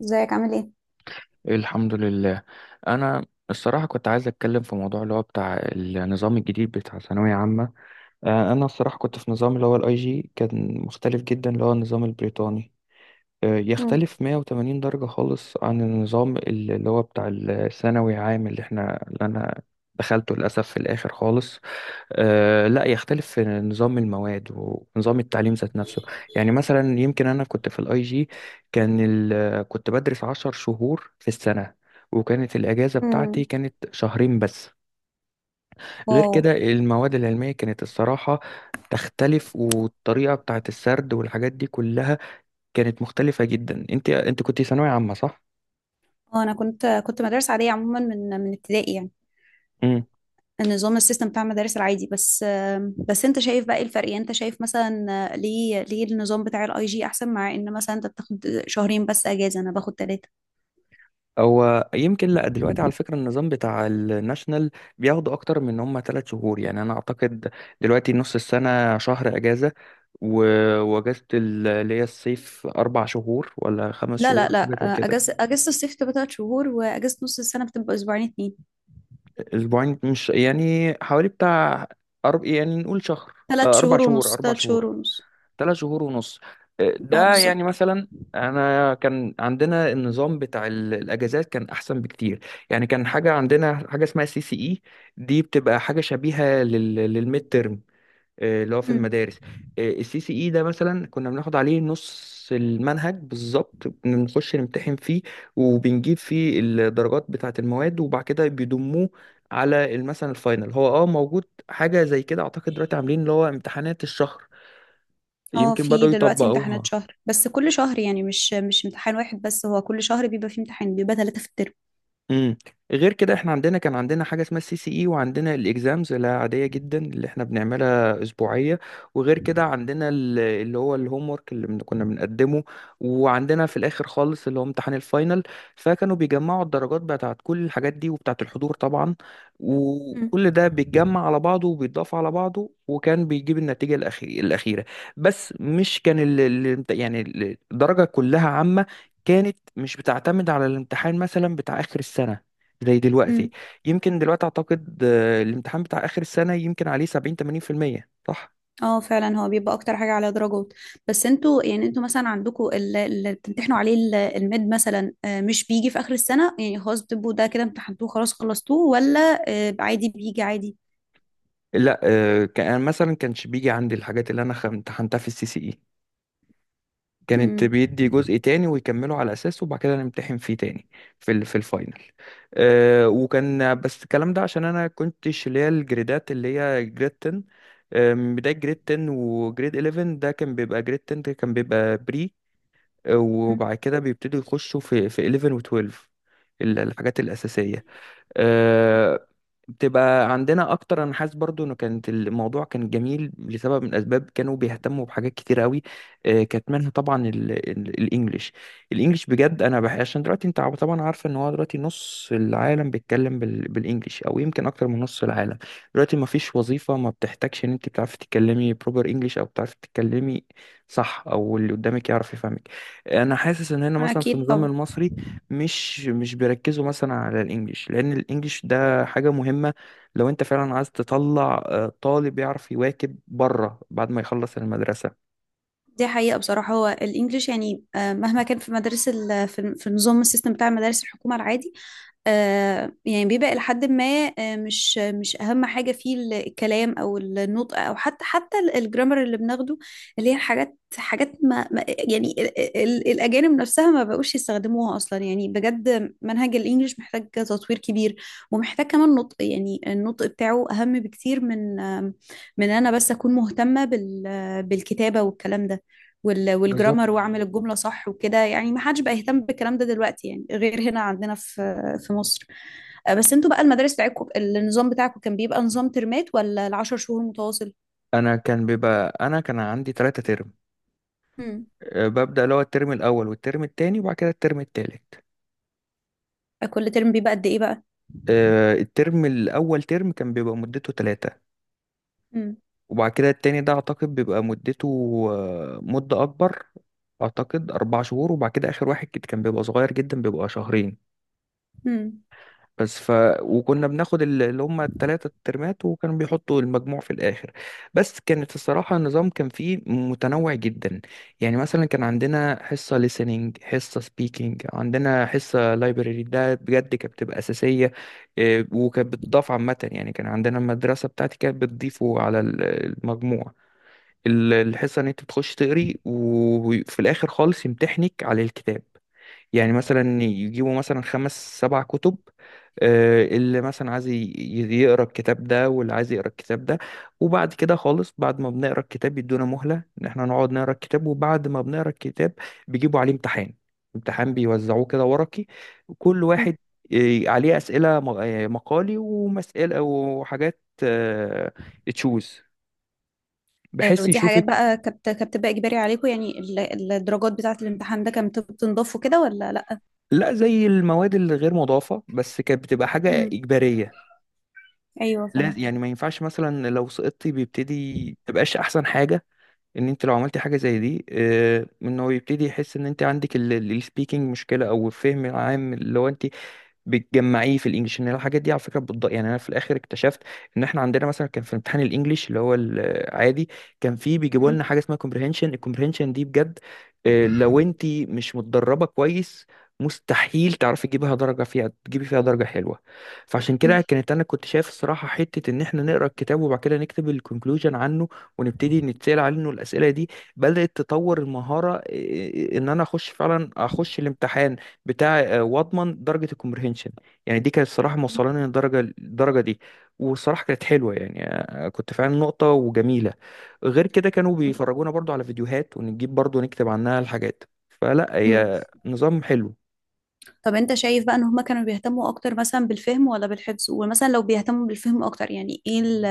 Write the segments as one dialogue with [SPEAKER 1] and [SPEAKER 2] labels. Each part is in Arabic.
[SPEAKER 1] ازيك عامل ايه؟
[SPEAKER 2] الحمد لله. انا الصراحه كنت عايز اتكلم في موضوع اللي هو بتاع النظام الجديد بتاع ثانويه عامه. انا الصراحه كنت في نظام اللي هو الاي جي، كان مختلف جدا، اللي هو النظام البريطاني.
[SPEAKER 1] مم.
[SPEAKER 2] يختلف 180 درجه خالص عن النظام اللي هو بتاع الثانوي عام اللي انا دخلته للاسف في الاخر خالص. لا يختلف في نظام المواد ونظام التعليم ذات نفسه. يعني مثلا يمكن انا كنت في الاي جي، كنت بدرس عشر شهور في السنة، وكانت الأجازة بتاعتي
[SPEAKER 1] مم.
[SPEAKER 2] كانت شهرين بس. غير
[SPEAKER 1] واو.
[SPEAKER 2] كده المواد العلمية كانت الصراحة تختلف، والطريقة بتاعت السرد والحاجات دي كلها كانت مختلفة جدا. انت كنت ثانوية عامة، صح؟
[SPEAKER 1] انا كنت مدارس عاديه عموما من ابتدائي، يعني النظام السيستم بتاع المدارس العادي. بس بس انت شايف بقى ايه الفرق؟ يعني انت شايف مثلا، ليه النظام بتاع الاي جي احسن، مع ان مثلا انت بتاخد شهرين بس اجازه، انا باخد ثلاثه.
[SPEAKER 2] هو يمكن، لا دلوقتي على فكرة، النظام بتاع الناشنال بياخدوا أكتر من إن هم ثلاث شهور، يعني أنا أعتقد دلوقتي نص السنة شهر أجازة، وأجازة اللي هي الصيف أربع شهور ولا خمس
[SPEAKER 1] لا لا
[SPEAKER 2] شهور حاجة
[SPEAKER 1] لا،
[SPEAKER 2] زي كده.
[SPEAKER 1] اجازه الصيف بتبقى ثلاث شهور، واجازه نص السنه بتبقى اسبوعين اتنين.
[SPEAKER 2] أسبوعين مش يعني، حوالي بتاع، يعني نقول شهر.
[SPEAKER 1] ثلاث
[SPEAKER 2] أربع
[SPEAKER 1] شهور ونص،
[SPEAKER 2] شهور، أربع
[SPEAKER 1] ثلاث شهور
[SPEAKER 2] شهور.
[SPEAKER 1] ونص.
[SPEAKER 2] ثلاث شهور ونص.
[SPEAKER 1] اه،
[SPEAKER 2] ده يعني
[SPEAKER 1] بالظبط.
[SPEAKER 2] مثلا انا كان عندنا النظام بتاع الاجازات كان احسن بكتير. يعني كان حاجه، عندنا حاجه اسمها سي سي اي، دي بتبقى حاجه شبيهه للميد ترم، اللي هو في المدارس. السي سي اي ده مثلا كنا بناخد عليه نص المنهج بالظبط، بنخش نمتحن فيه وبنجيب فيه الدرجات بتاعه المواد، وبعد كده بيضموه على مثلا الفاينل. هو موجود حاجه زي كده، اعتقد دلوقتي عاملين اللي هو امتحانات الشهر،
[SPEAKER 1] اه،
[SPEAKER 2] يمكن
[SPEAKER 1] في
[SPEAKER 2] بدأوا
[SPEAKER 1] دلوقتي امتحانات
[SPEAKER 2] يطبقوها.
[SPEAKER 1] شهر، بس كل شهر يعني مش امتحان واحد بس، هو كل شهر بيبقى فيه امتحان، بيبقى ثلاثة في الترم.
[SPEAKER 2] امم غير كده احنا عندنا، كان عندنا حاجه اسمها السي سي اي، وعندنا الاكزامز اللي عاديه جدا اللي احنا بنعملها اسبوعيه، وغير كده عندنا اللي هو الهوم ورك اللي كنا بنقدمه، وعندنا في الاخر خالص اللي هو امتحان الفاينل. فكانوا بيجمعوا الدرجات بتاعت كل الحاجات دي وبتاعت الحضور طبعا،
[SPEAKER 1] مم.
[SPEAKER 2] وكل ده بيتجمع على بعضه وبيتضاف على بعضه، وكان بيجيب النتيجه الاخيره. بس مش كان يعني الدرجه كلها عامه، كانت مش بتعتمد على الامتحان مثلا بتاع آخر السنة زي دلوقتي.
[SPEAKER 1] مم.
[SPEAKER 2] يمكن دلوقتي أعتقد، الامتحان بتاع آخر السنة يمكن عليه 70، 80%، صح؟
[SPEAKER 1] اه فعلا، هو بيبقى اكتر حاجة على درجات. بس انتوا يعني، انتوا مثلا عندكم اللي بتمتحنوا عليه الميد مثلا، مش بيجي في اخر السنة يعني، خلاص بتبقوا ده كده امتحنتوه خلاص خلصتوه، ولا عادي بيجي عادي؟
[SPEAKER 2] لا كان يعني مثلا كانش بيجي عندي الحاجات اللي أنا امتحنتها في السي سي إي، كانت
[SPEAKER 1] مم.
[SPEAKER 2] بيدي جزء تاني ويكمله على أساسه، وبعد كده نمتحن فيه تاني في الفاينل. وكان بس الكلام ده عشان أنا كنتش اللي هي الجريدات، اللي هي جريد 10، من بداية جريد 10 وجريد 11، ده كان بيبقى جريد 10 ده كان بيبقى بري،
[SPEAKER 1] امم.
[SPEAKER 2] وبعد كده بيبتدوا يخشوا في 11 و12. الحاجات الأساسية، آه، بتبقى عندنا اكتر. انا حاسس برضو انه كانت الموضوع كان جميل لسبب من الاسباب، كانوا بيهتموا بحاجات كتير قوي. كانت منها طبعا الانجليش. الانجليش بجد انا عشان دلوقتي انت طبعا عارفه ان هو دلوقتي نص العالم بيتكلم بالانجليش، او يمكن اكتر من نص العالم. دلوقتي ما فيش وظيفه ما بتحتاجش ان انت بتعرفي تتكلمي بروبر انجليش، او بتعرفي تتكلمي صح، او اللي قدامك يعرف يفهمك. انا حاسس ان هنا مثلا في
[SPEAKER 1] اكيد
[SPEAKER 2] النظام
[SPEAKER 1] طبعا.
[SPEAKER 2] المصري مش بيركزوا مثلا على الانجليش، لان الانجليش ده حاجة مهمة لو انت فعلا عايز تطلع، طالب يعرف يواكب بره بعد ما يخلص المدرسة.
[SPEAKER 1] دي حقيقة بصراحة، هو الإنجليش يعني، مهما كان في مدارس في النظام السيستم بتاع مدارس الحكومة العادي، يعني بيبقى إلى حد ما، مش أهم حاجة فيه الكلام أو النطق، أو حتى الجرامر اللي بناخده، اللي هي حاجات يعني الأجانب نفسها ما بقوش يستخدموها أصلا. يعني بجد منهج الإنجليش محتاج تطوير كبير، ومحتاج كمان نطق، يعني النطق بتاعه أهم بكتير من من أنا بس أكون مهتمة بالكتابة والكلام ده،
[SPEAKER 2] بالظبط.
[SPEAKER 1] والجرامر، واعمل الجملة صح وكده، يعني ما حدش بقى يهتم بالكلام ده دلوقتي يعني، غير هنا عندنا في في مصر. بس انتوا بقى، المدارس بتاعتكم النظام بتاعكم كان بيبقى نظام ترمات ولا العشر شهور متواصل؟
[SPEAKER 2] انا كان بيبقى، انا كان عندي ثلاثة ترم،
[SPEAKER 1] مم.
[SPEAKER 2] ببدأ اللي هو الترم الاول والترم التاني وبعد كده الترم التالت.
[SPEAKER 1] كل ترم بيبقى قد ايه بقى؟
[SPEAKER 2] الترم الاول ترم كان بيبقى مدته ثلاثة،
[SPEAKER 1] مم.
[SPEAKER 2] وبعد كده التاني ده اعتقد بيبقى مدته، مدة اكبر. اعتقد اربع شهور، وبعد كده اخر واحد كده كان بيبقى صغير جدا، بيبقى شهرين
[SPEAKER 1] مم.
[SPEAKER 2] بس. وكنا بناخد اللي هم التلاتة الترمات، وكانوا بيحطوا المجموع في الآخر. بس كانت الصراحة، النظام كان فيه متنوع جدا. يعني مثلا كان عندنا حصة listening، حصة speaking، عندنا حصة library، ده بجد كانت بتبقى أساسية. وكانت بتضاف عامة، يعني كان عندنا المدرسة بتاعتي كانت بتضيفه على المجموع. الحصة إن أنت بتخش تقري، وفي الآخر خالص يمتحنك على الكتاب. يعني مثلا يجيبوا مثلا خمس سبع كتب، اللي مثلا عايز يقرا الكتاب ده، واللي عايز يقرا الكتاب ده. وبعد كده خالص، بعد ما بنقرا الكتاب، يدونا مهلة ان احنا نقعد نقرا الكتاب، وبعد ما بنقرا الكتاب بيجيبوا عليه امتحان. امتحان بيوزعوه كده ورقي كل
[SPEAKER 1] مم.
[SPEAKER 2] واحد، عليه أسئلة مقالي ومسألة وحاجات تشوز، بحيث
[SPEAKER 1] ودي حاجات
[SPEAKER 2] يشوفك.
[SPEAKER 1] بقى كانت بتبقى اجباري عليكم؟ يعني الدرجات بتاعة الامتحان ده كانت بتنضاف كده ولا لا؟
[SPEAKER 2] لا، زي المواد الغير مضافة، بس كانت بتبقى حاجة
[SPEAKER 1] مم.
[SPEAKER 2] إجبارية.
[SPEAKER 1] ايوه
[SPEAKER 2] لا
[SPEAKER 1] فاهم.
[SPEAKER 2] يعني ما ينفعش مثلا لو سقطتي بيبتدي تبقاش احسن حاجة، ان انت لو عملتي حاجه زي دي، ان هو يبتدي يحس ان انت عندك السبيكنج مشكله، او الفهم العام اللي هو انت بتجمعيه في الانجليش، ان الحاجات دي على فكره يعني انا في الاخر اكتشفت ان احنا عندنا مثلا كان في امتحان الانجليش اللي هو العادي، كان فيه بيجيبوا
[SPEAKER 1] مم.
[SPEAKER 2] لنا حاجه اسمها كومبريهنشن. الكومبريهنشن دي بجد، لو انت مش متدربه كويس، مستحيل تعرفي تجيبها درجه فيها، تجيبي فيها درجه حلوه. فعشان
[SPEAKER 1] مم.
[SPEAKER 2] كده كانت، انا كنت شايف الصراحه حته ان احنا نقرا الكتاب، وبعد كده نكتب الكونكلوجن عنه، ونبتدي نتسأل عنه الأسئلة دي، بدأت تطور المهارة. إن أنا أخش فعلا أخش الامتحان بتاع، وأضمن درجة الكومبريهنشن. يعني دي كانت الصراحة موصلاني للدرجة دي، والصراحة كانت حلوة، يعني كنت فعلا نقطة وجميلة. غير كده كانوا
[SPEAKER 1] مم.
[SPEAKER 2] بيفرجونا برضو على فيديوهات، ونجيب برضو نكتب عنها الحاجات. فلا،
[SPEAKER 1] مم.
[SPEAKER 2] هي نظام حلو.
[SPEAKER 1] طب انت شايف بقى ان هما كانوا بيهتموا اكتر مثلا بالفهم ولا بالحفظ؟ ومثلا لو بيهتموا بالفهم اكتر، يعني ايه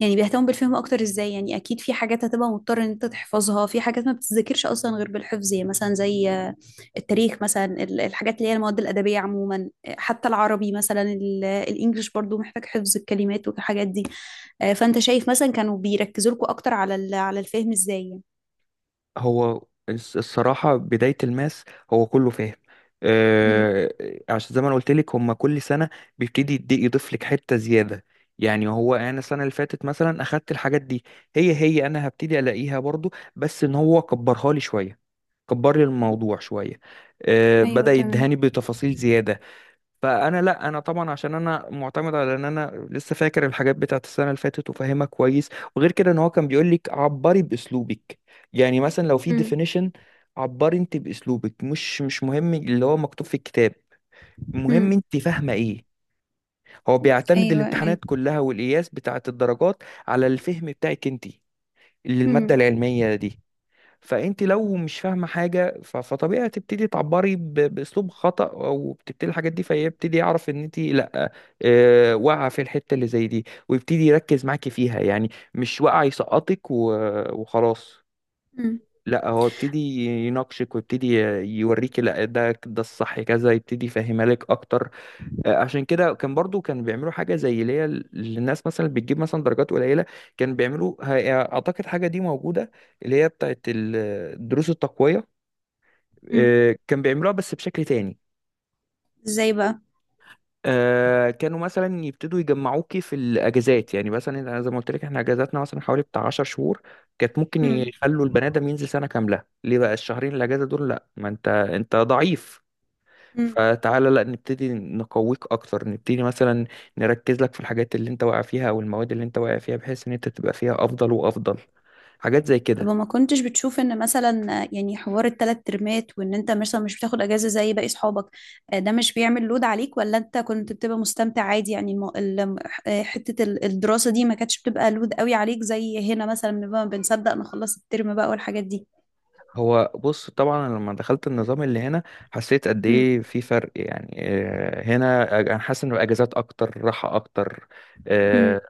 [SPEAKER 1] يعني بيهتموا بالفهم اكتر ازاي يعني؟ اكيد في حاجات هتبقى مضطر ان انت تحفظها، في حاجات ما بتتذاكرش اصلا غير بالحفظ، يعني مثلا زي التاريخ مثلا، الحاجات اللي هي المواد الادبيه عموما، حتى العربي مثلا، الانجليش برضو محتاج حفظ الكلمات والحاجات دي. فانت شايف مثلا كانوا بيركزوا لكم اكتر على على الفهم ازاي يعني؟
[SPEAKER 2] هو الصراحة بداية الماس، هو كله فاهم.
[SPEAKER 1] مم.
[SPEAKER 2] آه، عشان زي ما انا قلت لك، هما كل سنة بيبتدي يضيف لك حتة زيادة. يعني هو انا السنة اللي فاتت مثلا اخدت الحاجات دي، هي انا هبتدي الاقيها برضو، بس ان هو كبرها لي شوية، كبر لي الموضوع شوية.
[SPEAKER 1] ايوه
[SPEAKER 2] بدأ
[SPEAKER 1] تمام.
[SPEAKER 2] يدهاني بتفاصيل زيادة. فانا لا، انا طبعا عشان انا معتمد على ان انا لسه فاكر الحاجات بتاعت السنه اللي فاتت وفاهمها كويس. وغير كده ان هو كان بيقول لك عبري باسلوبك. يعني مثلا لو في
[SPEAKER 1] مم.
[SPEAKER 2] ديفينيشن، عبري انت باسلوبك، مش مهم اللي هو مكتوب في الكتاب، المهم
[SPEAKER 1] مم.
[SPEAKER 2] انت فاهمه ايه. هو بيعتمد
[SPEAKER 1] ايوه ايوه.
[SPEAKER 2] الامتحانات كلها والقياس بتاعت الدرجات على الفهم بتاعك انت للماده
[SPEAKER 1] مم.
[SPEAKER 2] العلميه دي. فانت لو مش فاهمه حاجه، فطبيعي هتبتدي تعبري باسلوب خطا، او بتبتدي الحاجات دي، فيبتدي يعرف ان انت لا، واقعه في الحته اللي زي دي، ويبتدي يركز معاكي فيها. يعني مش واقع يسقطك وخلاص،
[SPEAKER 1] مم.
[SPEAKER 2] لا هو يبتدي يناقشك، ويبتدي يوريكي لا، ده الصح كذا، يبتدي يفهمها لك اكتر. عشان كده كان برضو، كان بيعملوا حاجة زي اللي هي للناس مثلا اللي بتجيب مثلا درجات قليلة، كان بيعملوا أعتقد حاجة دي موجودة، اللي هي بتاعت دروس التقوية.
[SPEAKER 1] مم.
[SPEAKER 2] كان بيعملوها بس بشكل تاني.
[SPEAKER 1] ازاي بقى؟
[SPEAKER 2] كانوا مثلا يبتدوا يجمعوكي في الأجازات. يعني مثلا أنا زي ما قلت لك، احنا أجازاتنا مثلا حوالي بتاع 10 شهور، كانت ممكن
[SPEAKER 1] امم.
[SPEAKER 2] يخلوا البني آدم ينزل سنة كاملة، ليه بقى الشهرين الأجازة دول؟ لأ، ما أنت ضعيف،
[SPEAKER 1] امم.
[SPEAKER 2] فتعالى لا نبتدي نقويك اكتر. نبتدي مثلا نركز لك في الحاجات اللي انت واقع فيها، او المواد اللي انت واقع فيها، بحيث ان انت تبقى فيها افضل وافضل. حاجات زي
[SPEAKER 1] طب
[SPEAKER 2] كده.
[SPEAKER 1] ما كنتش بتشوف ان مثلا يعني حوار الثلاث ترمات، وان انت مثلا مش بتاخد اجازه زي باقي اصحابك، ده مش بيعمل لود عليك؟ ولا انت كنت بتبقى مستمتع عادي، يعني الم... ال- آه، حته الدراسه دي ما كانتش بتبقى لود قوي عليك زي هنا مثلا، بنبقى بنصدق نخلص الترم بقى والحاجات دي.
[SPEAKER 2] هو بص، طبعا أنا لما دخلت النظام اللي هنا، حسيت قد
[SPEAKER 1] امم.
[SPEAKER 2] ايه في فرق. يعني هنا انا حاسس ان الاجازات اكتر، راحة اكتر.
[SPEAKER 1] امم.
[SPEAKER 2] آه،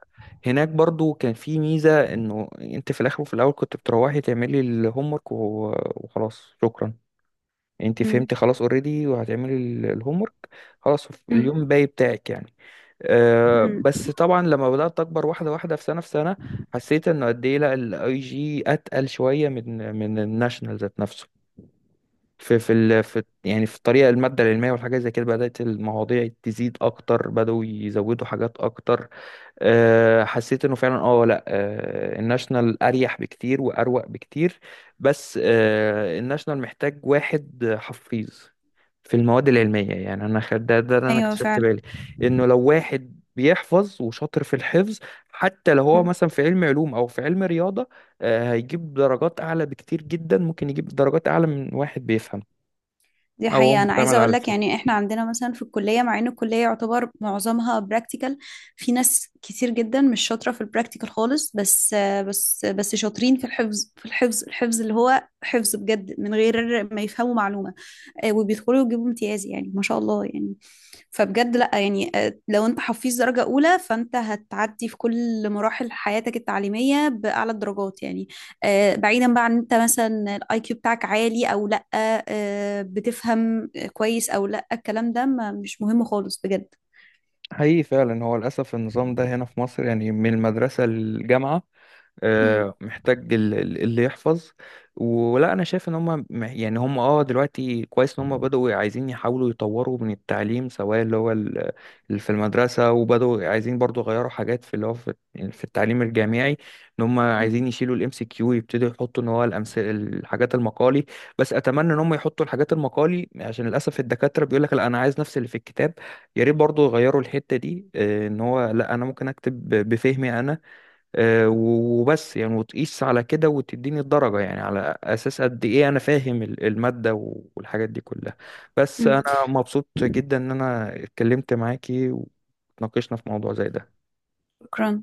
[SPEAKER 2] هناك برضو كان في ميزة، انه انت في الاخر وفي الاول كنت بتروحي تعملي الهومورك وخلاص، شكرا انت
[SPEAKER 1] امم.
[SPEAKER 2] فهمتي، خلاص اوريدي وهتعملي الهوم ورك، خلاص اليوم باقي بتاعك يعني.
[SPEAKER 1] امم.
[SPEAKER 2] بس طبعا لما بدأت أكبر، واحدة واحدة، في سنة في سنة، حسيت إنه قد إيه لا، الأي جي أتقل شوية من الناشونال ذات نفسه، في يعني في الطريقة، المادة العلمية والحاجات زي كده بدأت المواضيع تزيد أكتر، بدأوا يزودوا حاجات أكتر. حسيت إنه فعلا، لا الناشونال أريح بكتير وأروق بكتير، بس الناشونال محتاج واحد حفيظ في المواد العلمية. يعني أنا خد ده اللي أنا
[SPEAKER 1] ايوه
[SPEAKER 2] اكتشفت
[SPEAKER 1] فعلا.
[SPEAKER 2] بالي، إنه لو واحد بيحفظ وشاطر في الحفظ، حتى لو هو مثلا في علم علوم أو في علم رياضة، هيجيب درجات أعلى بكتير جدا، ممكن يجيب درجات أعلى من واحد بيفهم
[SPEAKER 1] دي
[SPEAKER 2] أو هو
[SPEAKER 1] حقيقة، أنا
[SPEAKER 2] معتمد
[SPEAKER 1] عايزة
[SPEAKER 2] على
[SPEAKER 1] أقول لك
[SPEAKER 2] الفهم.
[SPEAKER 1] يعني، إحنا عندنا مثلا في الكلية، مع إن الكلية يعتبر معظمها براكتيكال، في ناس كتير جدا مش شاطرة في البراكتيكال خالص، بس شاطرين في الحفظ اللي هو حفظ بجد من غير ما يفهموا معلومة، وبيدخلوا يجيبوا امتياز يعني، ما شاء الله يعني. فبجد لا يعني، لو انت حفيظ درجة أولى، فانت هتعدي في كل مراحل حياتك التعليمية بأعلى الدرجات يعني، بعيدا بقى عن انت مثلا الاي كيو بتاعك عالي او لا، بتفهم كويس او لا، الكلام ده ما مش مهم خالص بجد.
[SPEAKER 2] حقيقي فعلا، هو للأسف النظام ده هنا في مصر يعني من المدرسة للجامعة،
[SPEAKER 1] مم.
[SPEAKER 2] محتاج اللي يحفظ. ولا انا شايف ان هم دلوقتي كويس، ان هم بدأوا عايزين يحاولوا يطوروا من التعليم، سواء اللي هو اللي في المدرسة، وبدأوا عايزين برضو يغيروا حاجات في اللي هو في التعليم الجامعي، ان هم
[SPEAKER 1] مم.
[SPEAKER 2] عايزين يشيلوا الام سي كيو، يبتدوا يحطوا ان هو الامثله، الحاجات المقالي. بس اتمنى ان هم يحطوا الحاجات المقالي، عشان للاسف الدكاترة بيقول لك لا انا عايز نفس اللي في الكتاب. يا ريت برضو يغيروا الحتة دي، ان هو لا انا ممكن اكتب بفهمي انا، وبس، يعني وتقيس على كده وتديني الدرجة، يعني على أساس قد إيه أنا فاهم المادة والحاجات دي كلها. بس
[SPEAKER 1] مم.
[SPEAKER 2] أنا مبسوط جدا إن أنا اتكلمت معاكي وتناقشنا في موضوع زي ده.
[SPEAKER 1] شكرا.